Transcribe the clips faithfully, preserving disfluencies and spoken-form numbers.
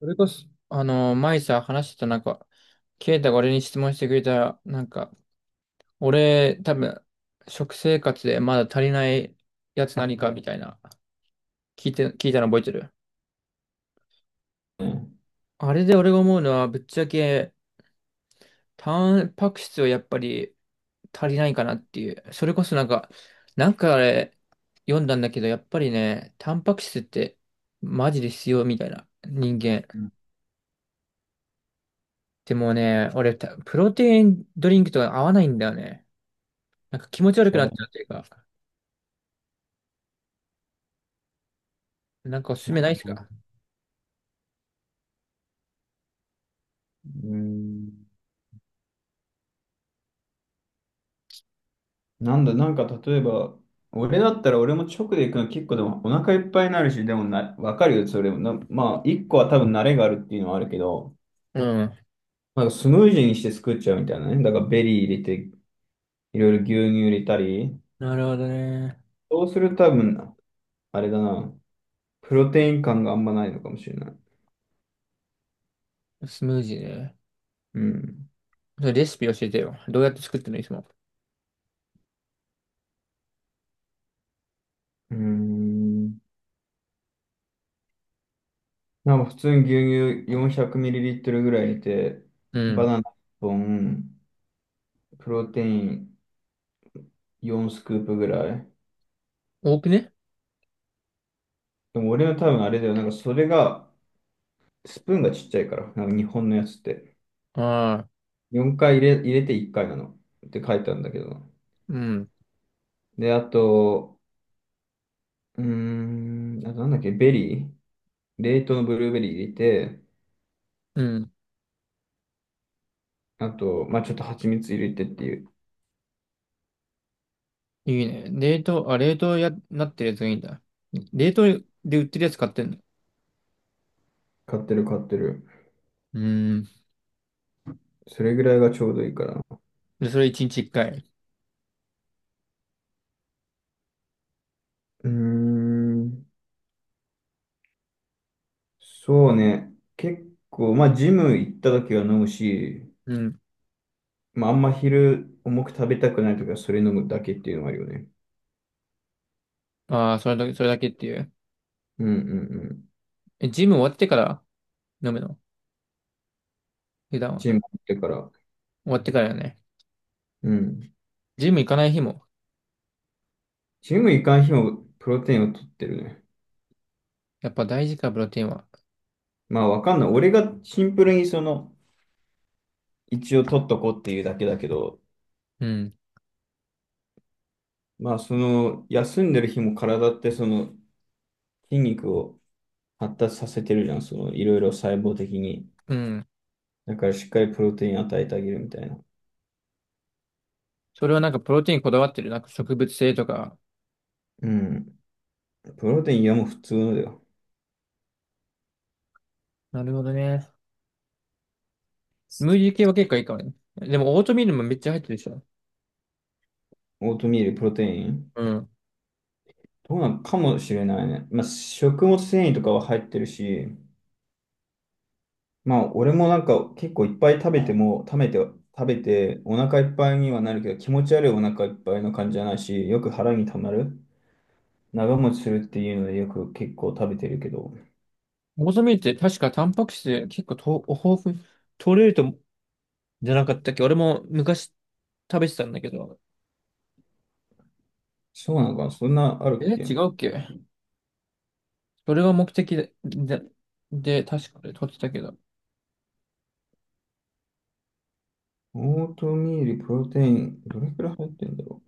それこそ、あの、前さ、話してたなんか、ケイタが俺に質問してくれた、なんか、俺、多分、食生活でまだ足りないやつ何かみたいな、聞いて、聞いたの覚えてる。あれで俺が思うのは、ぶっちゃけ、タンパク質はやっぱり足りないかなっていう。それこそなんか、なんかあれ、読んだんだけど、やっぱりね、タンパク質って、マジで必要みたいな、人間。うん。でもね、俺た、プロテインドリンクとか合わないんだよね。なんか気持ち悪く話な題っちゃにうというか、なんかおすすなっめないでたすかか？な。うん。なんだ、なんか例えば、俺だったら俺も直で行くの結構でもお腹いっぱいになるし、でもな、わかるよ、それも。なまあ、一個は多分慣れがあるっていうのはあるけど、うん。なんかスムージーにして作っちゃうみたいなね。だからベリー入れて、いろいろ牛乳入れたり、なるほどね。そうすると多分、あれだな、プロテイン感があんまないのかもしれない。スムージーね。うん。それレシピ教えてよ。どうやって作ってるのいつも？うーん、なんか普通に牛乳 よんひゃくミリリットル ぐらい入れて、うバナん。ナいっぽん、プロテインよんスクープぐらい。多くね？でも俺は多分あれだよ。なんかそれが、スプーンがちっちゃいから、なんか日本のやつって。ああ、よんかい入れ、入れていっかいなの。って書いてあるんだけど。うん。で、あと、うーん、あとなんだっけ、ベリー。冷凍のブルーベリー入れて、うん。あと、まあちょっと蜂蜜入れてっていう。いいね。冷凍、あ、冷凍や、なってるやつがいいんだ。冷凍で売ってるやつ買ってんの？買ってる買ってる。うん。それぐらいがちょうどいいからな。で、それいちにちいっかい？うーん、そうね。結構、まあジム行った時は飲むし、うん。まあ、あんま昼重く食べたくないときはそれ飲むだけっていうのはあるよね。ああ、それだけ、それだけっていう。うんうんうん。え、ジム終わってから飲むの普段ジムは？行ってから。終わってからよね。うん。ジム行かない日も。ジム行かん日もプロテインを取ってるね。やっぱ大事か、プロテインは。まあわかんない。俺がシンプルにその、一応取っとこうっていうだけだけど、うん。まあその、休んでる日も体ってその、筋肉を発達させてるじゃん。その、いろいろ細胞的に。うん。だからしっかりプロテイン与えてあげるみたいな。それはなんかプロテインこだわってる？なんか植物性とか。うん。プロテイン、いや、もう普通のだよ。なるほどね。ムーディー系は結構いいかもね。でもオートミールもめっちゃ入ってるでしょ。オートミールプロテイン、うん。どうなんかもしれないね。まあ、食物繊維とかは入ってるし、まあ、俺もなんか結構いっぱい食べても、食べて、食べて、お腹いっぱいにはなるけど、気持ち悪いお腹いっぱいの感じじゃないし、よく腹にたまる。長持ちするっていうので、よく結構食べてるけど、オートミールって確かタンパク質結構と豊富、取れると、じゃなかったっけ、俺も昔食べてたんだけど。そうなのかな、そんなあるえ、っけ。違うっけ？それが目的で、で、で確かで取ってたけど。オートミール、プロテイン、どれくらい入ってんだろ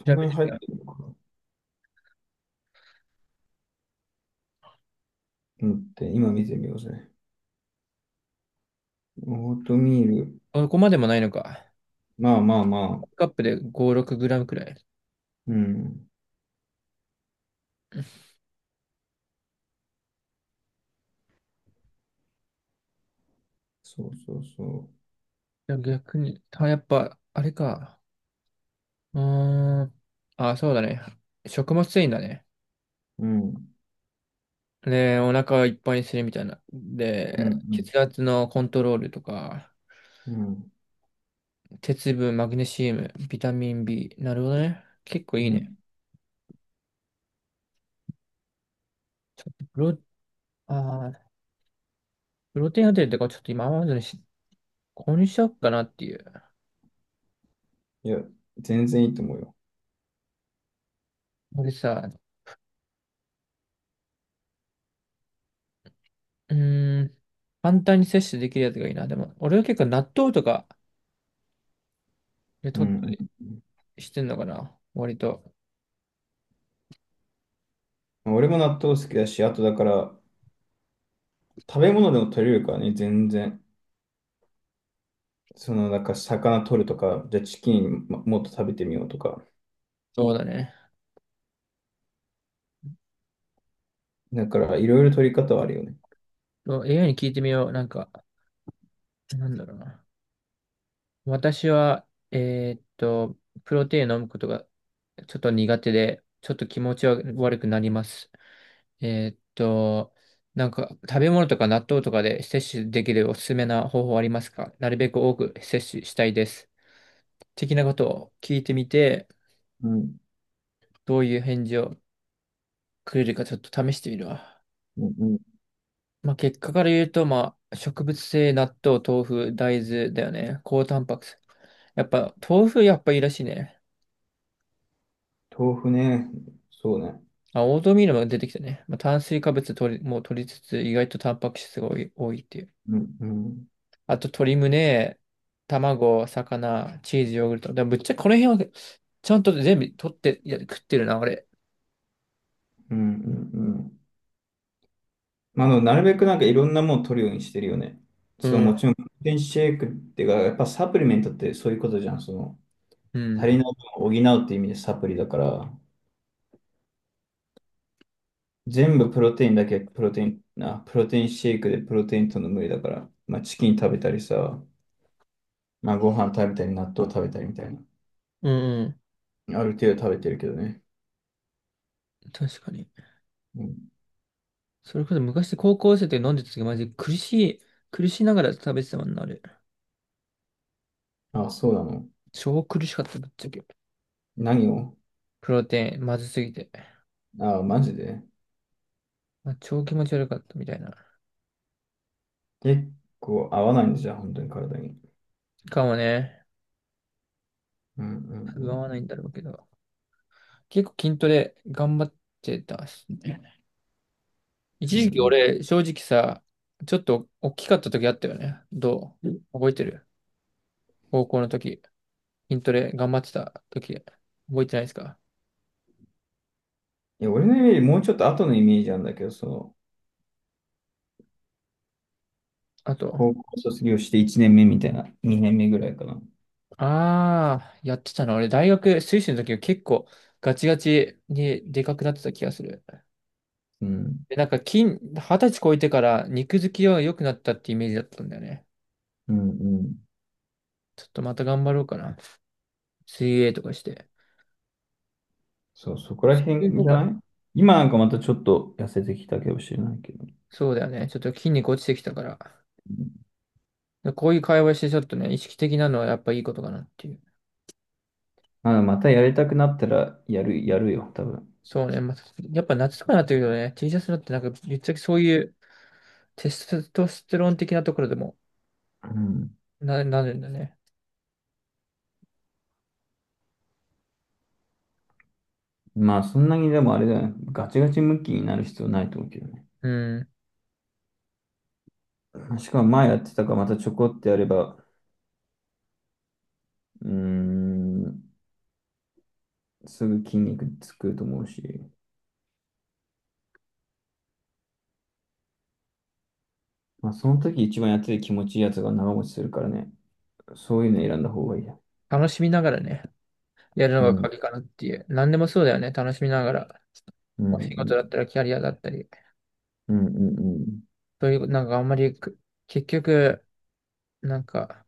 う。そん調なべにて入みっよう。てるのかな。うん、って、今見てみようぜ。オートミール、そこまでもないのか。まあまあまあ、カップでご、ろくグラムくらい。いうん、そうそうそや逆に、たやっぱ、あれか。うーん。あ、そうだね。食物繊維だね。う。うん。で、お腹いっぱいにするみたいな。うで、ん血圧のコントロールとか、うん。うん。鉄分、マグネシウム、ビタミンビー。なるほどね。結構いういね。ん、ちょっとプロ、あープロテインホテルとかちょっと今までにし購入しようかなっていう。いや、全然いいと思うよ。俺さ、うーん、簡単に摂取できるやつがいいな。でも、俺は結構納豆とかでう取ったんりしてんのかな。割と。うん。俺も納豆好きだし、あとだから、食べ物でも取れるからね、全然。その、なんか魚取るとか、じゃあチキンももっと食べてみようとか。そうだね。だから、いろいろ取り方はあるよね。そう エーアイ に聞いてみよう。なんか、なんだろうな。私は、えーっと、プロテイン飲むことがちょっと苦手で、ちょっと気持ちは悪くなります。えーっと、なんか食べ物とか納豆とかで摂取できるおすすめな方法ありますか？なるべく多く摂取したいです。的なことを聞いてみて、うん。どういう返事をくれるかちょっと試してみるわ。うんうん。まあ、結果から言うと、まあ、植物性納豆、豆腐、大豆だよね。高タンパク質。やっぱ、豆腐やっぱいいらしいね。豆腐ね。そうね。あ、オートミールも出てきたね。まあ、炭水化物取り、もう取りつつ、意外とタンパク質が多い、多いっていう。うんうん。あと鶏胸、卵、魚、チーズ、ヨーグルト。でもぶっちゃけこの辺はちゃんと全部取って、いや、食ってるな、俺。うんうんうん。まあ、あの、なるべくなんかいろんなもの取るようにしてるよね。うそう、ん。もちろん、プロテインシェイクっていうか、やっぱサプリメントってそういうことじゃん。その、う足ん。りない分を補うっていう意味でサプリだから、全部プロテインだけプロテイン、あ、プロテインシェイクでプロテインとの無理だから、まあチキン食べたりさ、まあご飯食べたり納豆食べたりみたいな。うんうん。ある程度食べてるけどね。確かに。うん。それこそ昔高校生で飲んでた時マジで苦しい、苦しながら食べてたもんな、あれ。あ、そうなの。超苦しかった、ぶっちゃけ。何を。プロテイン、まずすぎて。あ、マジで。まあ、超気持ち悪かったみたいな。結構合わないんだじゃん、本当に体に。かもね。うんう合わなんいんだろうけど。結構筋トレ頑張ってたし。う一んう時ん。う期んうん。い俺、正直さ、ちょっと大きかった時あったよね。どう覚えてる？高校の時、筋トレ頑張ってた時、覚えてないですか？や、俺のイメージ、もうちょっと後のイメージなんだけど、その、あと、高校卒業していちねんめみたいな、にねんめぐらいかな。あー、やってたの。俺、大学、水星の時は結構ガチガチにでかくなってた気がする。うん。で、なんか筋、はたち超えてから肉付きは良くなったってイメージだったんだよね。うんうん。ちょっとまた頑張ろうかな。水泳とかして。そう、そこら水辺泳の方じゃかなな？い。今なんかまたちょっと痩せてきたかもしれないけど。そうだよね。ちょっと筋肉落ちてきたから。で、こういう会話してちょっとね、意識的なのはやっぱいいことかなっていう。まあ、また、やりたくなったらやる、やるよ、多分。そうね、まあ、やっぱ夏とかになってくるとね、ティーシャツだってなんか、ぶっちゃけそういうテストステロン的なところでもうん。な、なるんだね。まあ、そんなにでもあれだよね。ガチガチムッキーになる必要ないと思うけどね。うん。しかも前やってたからまたちょこってやれば、うーん、すぐ筋肉つくと思うし。まあ、その時一番やってて気持ちいいやつが長持ちするからね。そういうの選んだ方がいいや。楽しみながらね、やるのうがん、鍵かなっていう。何でもそうだよね、楽しみながら。うん、うお仕ん、事だったらキャリアだったり。うん、うん、うん、そういう、なんかあんまりく、結局、なんか、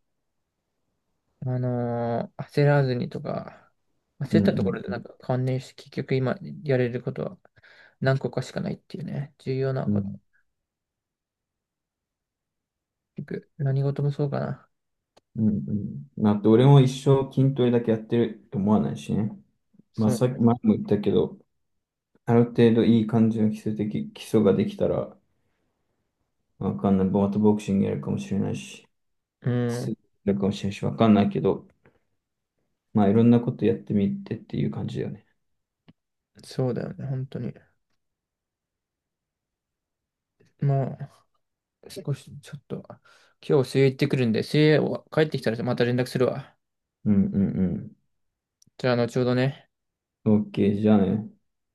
あのー焦らずにとか、う焦ったとこん、ろでなんか関連して結局今やれることは何個かしかないっていうね、重要なうこと。ん。結局何事もそうかな。うんうん。まあと、俺も一生筋トレだけやってると思わないしね。まあ、そさっきう、前も言ったけど、ある程度いい感じの基礎的、基礎ができたら、わかんない。ボートボクシングやるかもしれないし、う水ん、泳やるかもしれないし、わかんないけど、まあ、いろんなことやってみてっていう感じだよね。そうだよね、本当に。もう少しちょっと、今日水泳行ってくるんで、水泳を帰ってきたらまた連絡するわ。うんうんじゃあ後ほどね。うん。オーケー、じゃあね。